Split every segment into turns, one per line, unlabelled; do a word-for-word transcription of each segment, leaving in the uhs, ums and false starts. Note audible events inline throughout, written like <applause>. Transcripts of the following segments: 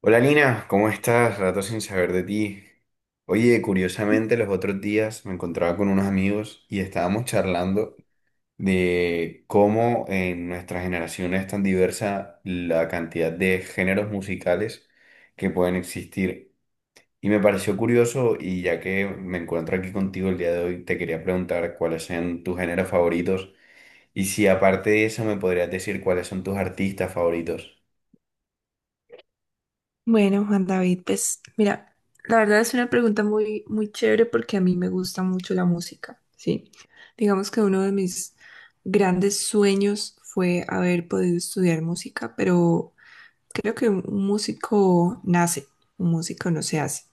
Hola Nina, ¿cómo estás? Rato sin saber de ti. Oye, curiosamente los otros días me encontraba con unos amigos y estábamos charlando de cómo en nuestra generación es tan diversa la cantidad de géneros musicales que pueden existir. Y me pareció curioso y ya que me encuentro aquí contigo el día de hoy, te quería preguntar cuáles son tus géneros favoritos y si aparte de eso me podrías decir cuáles son tus artistas favoritos.
Bueno, Juan David, pues mira, la verdad es una pregunta muy, muy chévere porque a mí me gusta mucho la música, ¿sí? Digamos que uno de mis grandes sueños fue haber podido estudiar música, pero creo que un un músico nace, un músico no se hace.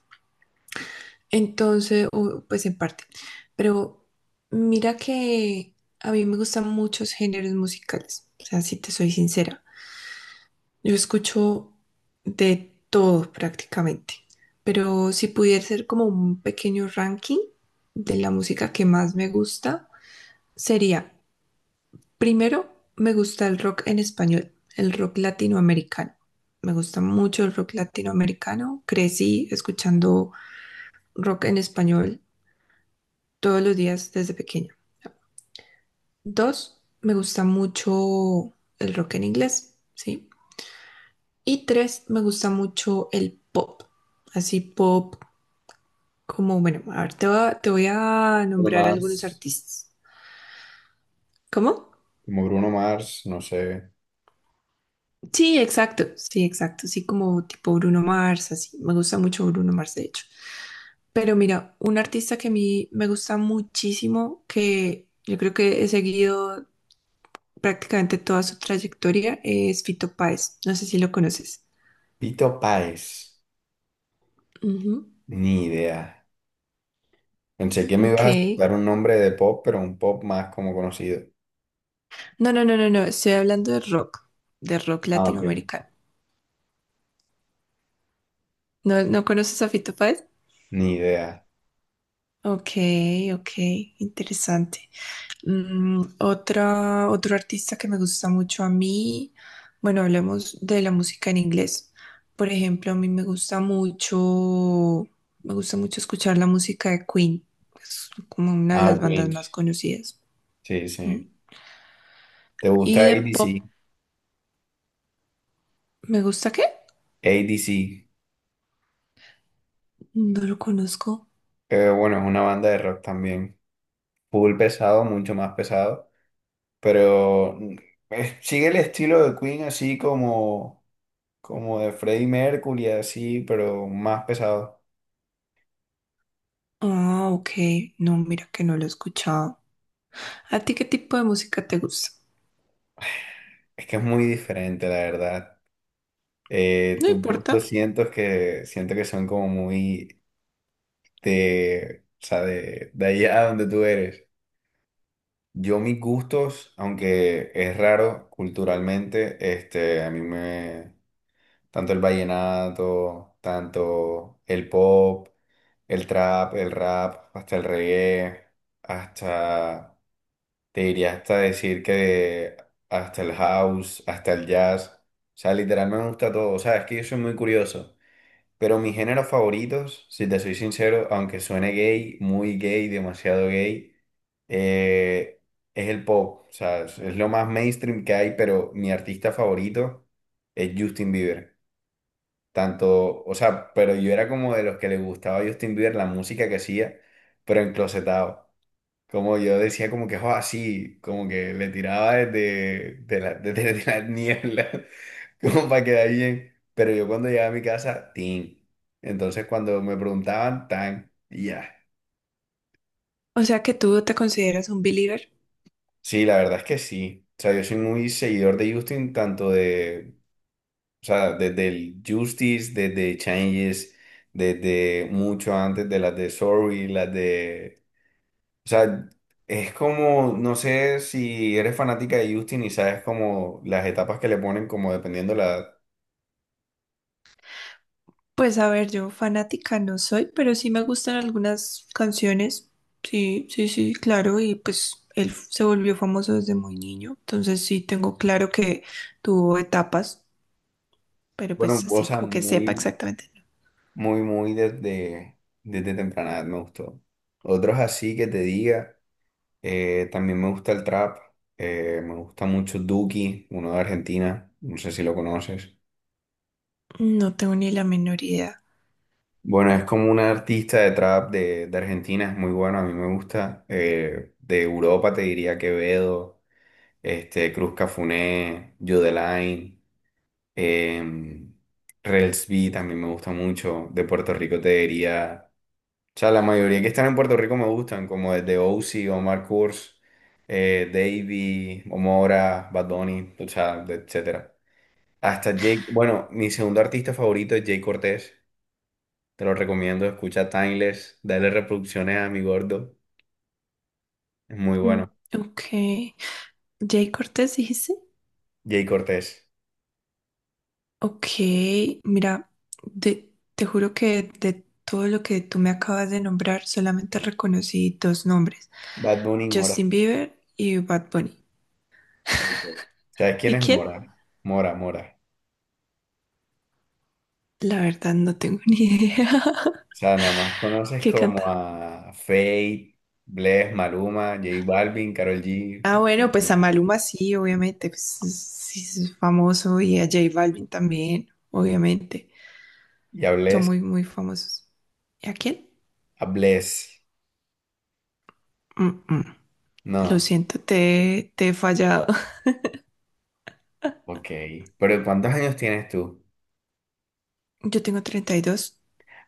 Entonces, o, pues en parte, pero mira que a mí me gustan muchos géneros musicales, o sea, si te soy sincera. Yo escucho de todo prácticamente, pero si pudiera ser como un pequeño ranking de la música que más me gusta, sería, primero, me gusta el rock en español, el rock latinoamericano. Me gusta mucho el rock latinoamericano. Crecí escuchando rock en español todos los días desde pequeña. Dos, me gusta mucho el rock en inglés, ¿sí? Y tres, me gusta mucho el pop. Así pop como, bueno, a ver, te voy a, te voy a
Bruno
nombrar algunos
Mars.
artistas. ¿Cómo?
Como Bruno Mars, no sé.
Sí, exacto, sí, exacto. Sí, como tipo Bruno Mars, así. Me gusta mucho Bruno Mars, de hecho. Pero mira, un artista que a mí me gusta muchísimo, que yo creo que he seguido prácticamente toda su trayectoria, es Fito Páez. No sé si lo conoces.
Pito Páez,
Ujú.
ni idea. Pensé que me
Ok.
ibas a dar un nombre de pop, pero un pop más como conocido.
No, no, no, no, no. Estoy hablando de rock, de rock
Ah, ok.
latinoamericano. ¿No, no conoces a Fito Páez?
Ni idea.
Ok, ok, interesante. Mm, otra, otro artista que me gusta mucho a mí, bueno, hablemos de la música en inglés. Por ejemplo, a mí me gusta mucho, me gusta mucho escuchar la música de Queen, es como una de
Ah,
las bandas
Queen.
más conocidas.
Sí,
Mm.
sí. ¿Te gusta
Y
A D
de
C?
pop,
¿A D C
¿me gusta qué?
A D C.
No lo conozco.
Eh, bueno, es una banda de rock también. Full pesado, mucho más pesado. Pero mm, eh, sigue el estilo de Queen así como, como de Freddie Mercury, así, pero más pesado.
Ah, ok, no, mira que no lo he escuchado. ¿A ti qué tipo de música te gusta?
Es que es muy diferente, la verdad. Eh,
No
tus gustos
importa.
siento que, siento que son como muy de, o sea, de, de allá donde tú eres. Yo mis gustos, aunque es raro culturalmente, este, a mí me, tanto el vallenato, tanto el pop, el trap, el rap, hasta el reggae, hasta, te diría hasta decir que hasta el house, hasta el jazz. O sea, literal me gusta todo. O sea, es que yo soy muy curioso. Pero mis géneros favoritos, si te soy sincero, aunque suene gay, muy gay, demasiado gay, eh, es el pop. O sea, es es lo más mainstream que hay, pero mi artista favorito es Justin Bieber. Tanto, o sea, pero yo era como de los que le gustaba a Justin Bieber la música que hacía, pero enclosetado. Como yo decía, como que, oh, sí como que le tiraba desde, de la, desde <laughs> la niebla, como para quedar bien. Pero yo cuando llegaba a mi casa, tin. Entonces cuando me preguntaban, tan, y ya.
O sea que tú te consideras un believer.
Sí, la verdad es que sí. O sea, yo soy muy seguidor de Justin, tanto de, o sea, desde el Justice, desde Changes, desde mucho antes de las de Sorry, las de O sea, es como, no sé si eres fanática de Justin y sabes como las etapas que le ponen, como dependiendo la edad.
Pues a ver, yo fanática no soy, pero sí me gustan algunas canciones. Sí, sí, sí, claro. Y pues él f- se volvió famoso desde muy niño. Entonces sí tengo claro que tuvo etapas, pero
Bueno,
pues así
Bosa
como que sepa
muy,
exactamente.
muy, muy desde, desde temprana edad me gustó. Otros así que te diga, eh, también me gusta el trap, eh, me gusta mucho Duki, uno de Argentina, no sé si lo conoces.
No tengo ni la menor idea.
Bueno, es como un artista de trap de, de Argentina, es muy bueno, a mí me gusta. Eh, de Europa te diría Quevedo, este, Cruz Cafuné, Yodelain, em, Rels también me gusta mucho. De Puerto Rico te diría. O sea, la mayoría que están en Puerto Rico me gustan, como desde Ozzy, Omar Kurz, eh, Davey, Omora, Bad Bunny, o sea, de- etcétera. Hasta Jake, bueno, mi segundo artista favorito es Jay Cortés. Te lo recomiendo, escucha Timeless, dale reproducciones a mi gordo. Es muy
Mm.
bueno.
Ok. Jay Cortés, dijiste.
Jay Cortés,
Ok, mira, de- te juro que de todo lo que tú me acabas de nombrar, solamente reconocí dos nombres.
Bad Bunny, Mora.
Justin Bieber y Bad Bunny.
Ok. ¿Sabes quién
¿Y
es
quién?
Mora? Mora, Mora.
La verdad no tengo ni idea.
O sea, nada más
<laughs>
conoces
¿Qué
como
canta?
a Fate, Bless, Maluma, J Balvin, Karol G
Ah, bueno, pues a Maluma sí, obviamente, pues es- sí es famoso y a J Balvin también, obviamente.
y a
Son
Bless.
muy, muy famosos. ¿Y a quién?
A Bless.
Mm, mm. Lo
No,
siento, te, te he fallado. <laughs>
ok. Pero ¿cuántos años tienes tú?
Yo tengo treinta y dos.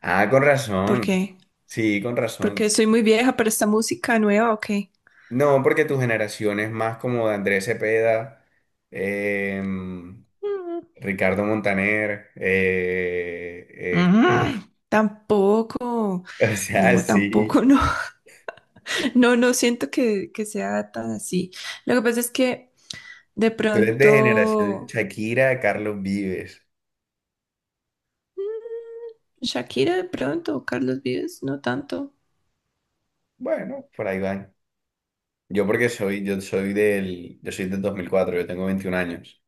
Ah, con
¿Por
razón.
qué?
Sí, con
Porque
razón.
soy muy vieja para esta música nueva, ¿o qué?
No, porque tu generación es más como de Andrés Cepeda, em,
Mm,
Ricardo Montaner, eh,
Mm, Tampoco.
eh, <laughs> o sea,
No,
sí.
tampoco, <laughs> no. No, no siento que, que sea tan así. Lo que pasa es que de
Tú eres de generación
pronto,
Shakira, Carlos Vives.
Shakira de pronto, o Carlos Vives, no tanto.
Bueno, por ahí van. Yo porque soy, yo soy del, yo soy del dos mil cuatro, yo tengo veintiún años.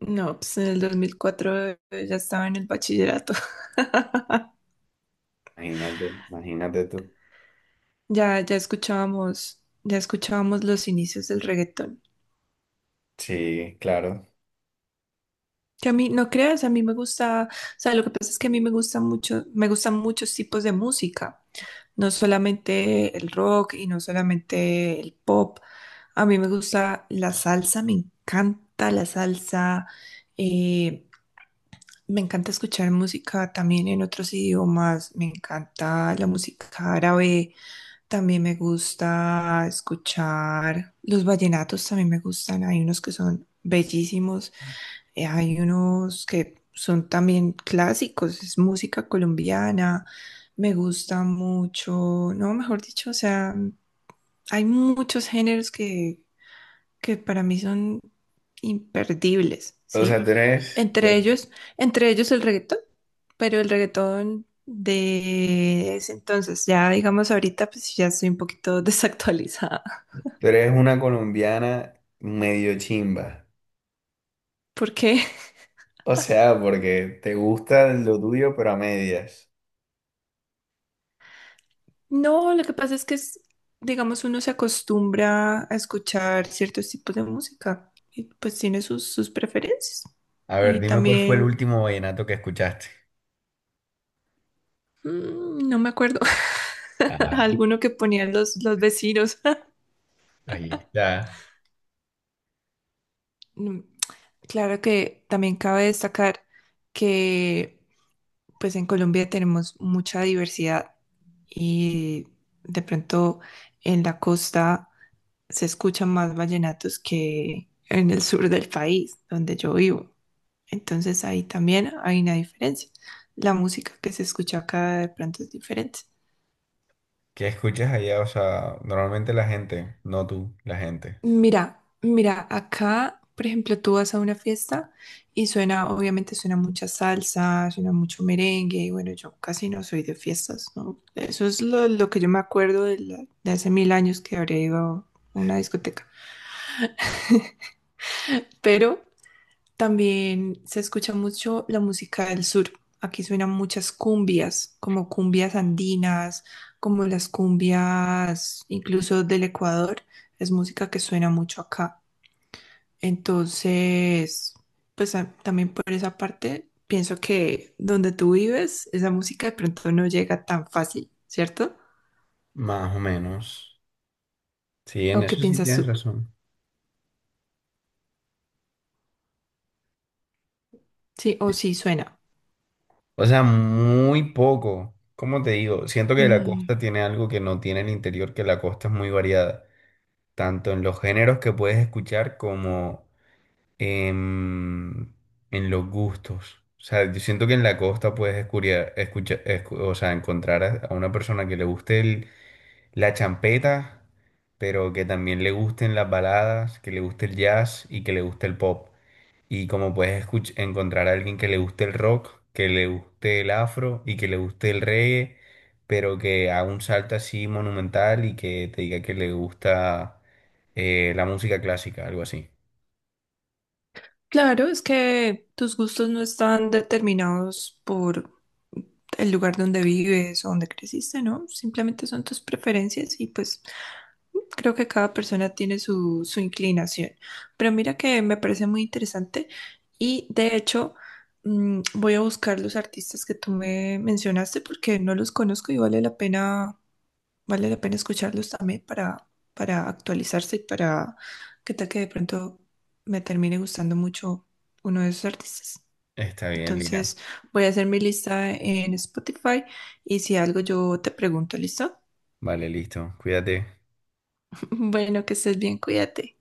No, pues en el dos mil cuatro eh, ya estaba en el bachillerato. <laughs>
Imagínate, imagínate tú.
Ya, ya escuchábamos, ya escuchábamos los inicios del reggaetón.
Sí, claro.
Que a mí, no creas, a mí me gusta, o sea, lo que pasa es que a mí me gusta mucho, me gustan muchos tipos de música, no solamente el rock y no solamente el pop, a mí me gusta la salsa, me encanta la salsa, eh, me encanta escuchar música también en otros idiomas, me encanta la música árabe, también me gusta escuchar los vallenatos, también me gustan, hay unos que son bellísimos. Eh, Hay unos que son también clásicos, es música colombiana, me gusta mucho, no, mejor dicho, o sea, hay muchos géneros que, que para mí son imperdibles,
O sea,
¿sí?
tú eres, tú
Entre
eres
ellos, entre ellos el reggaetón, pero el reggaetón de ese entonces, ya digamos ahorita, pues ya estoy un poquito <laughs> desactualizada.
tú eres una colombiana medio chimba.
¿Por qué?
O sea, porque te gusta lo tuyo, pero a medias.
No, lo que pasa es que es, digamos, uno se acostumbra a escuchar ciertos tipos de música y pues tiene sus, sus preferencias.
A ver,
Y
dime cuál fue el
también,
último vallenato que escuchaste.
mm, no me acuerdo, <laughs>
Ah,
alguno que ponían los, los vecinos. <laughs>
ahí está.
Mm, claro que también cabe destacar que pues en Colombia tenemos mucha diversidad y de pronto en la costa se escuchan más vallenatos que en el sur del país, donde yo vivo. Entonces ahí también hay una diferencia. La música que se escucha acá de pronto es diferente.
¿Qué escuchas allá? O sea, normalmente la gente, no tú, la gente.
Mira, mira, acá, por ejemplo, tú vas a una fiesta y suena, obviamente suena mucha salsa, suena mucho merengue, y bueno, yo casi no soy de fiestas, ¿no? Eso es lo, lo que yo me acuerdo de, la- de hace mil años que habría ido a una discoteca. Pero también se escucha mucho la música del sur. Aquí suenan muchas cumbias, como cumbias andinas, como las cumbias incluso del Ecuador. Es música que suena mucho acá. Entonces, pues a- también por esa parte, pienso que donde tú vives, esa música de pronto no llega tan fácil, ¿cierto?
Más o menos. Sí, en
¿O qué
eso sí
piensas
tienes
tú?
razón.
Sí, o sí suena.
O sea, muy poco. ¿Cómo te digo? Siento que la
Mm.
costa tiene algo que no tiene el interior, que la costa es muy variada, tanto en los géneros que puedes escuchar como en, en los gustos. O sea, yo siento que en la costa puedes escuchar, o sea, encontrar a, a una persona que le guste el- la champeta, pero que también le gusten las baladas, que le guste el jazz y que le guste el pop. Y como puedes escuch- encontrar a alguien que le guste el rock, que le guste el afro y que le guste el reggae, pero que haga un salto así monumental y que te diga que le gusta eh, la música clásica, algo así.
Claro, es que tus gustos no están determinados por el lugar donde vives o donde creciste, ¿no? Simplemente son tus preferencias y pues creo que cada persona tiene su, su inclinación, pero mira que me parece muy interesante y de hecho, mm, voy a buscar los artistas que tú me mencionaste porque no los conozco y vale la pena, vale la pena escucharlos también para, para actualizarse y para que tal que de pronto me termine gustando mucho uno de esos artistas.
Está bien, Lina.
Entonces voy a hacer mi lista en Spotify y si algo yo te pregunto, ¿listo?
Vale, listo. Cuídate.
<laughs> Bueno, que estés bien, cuídate.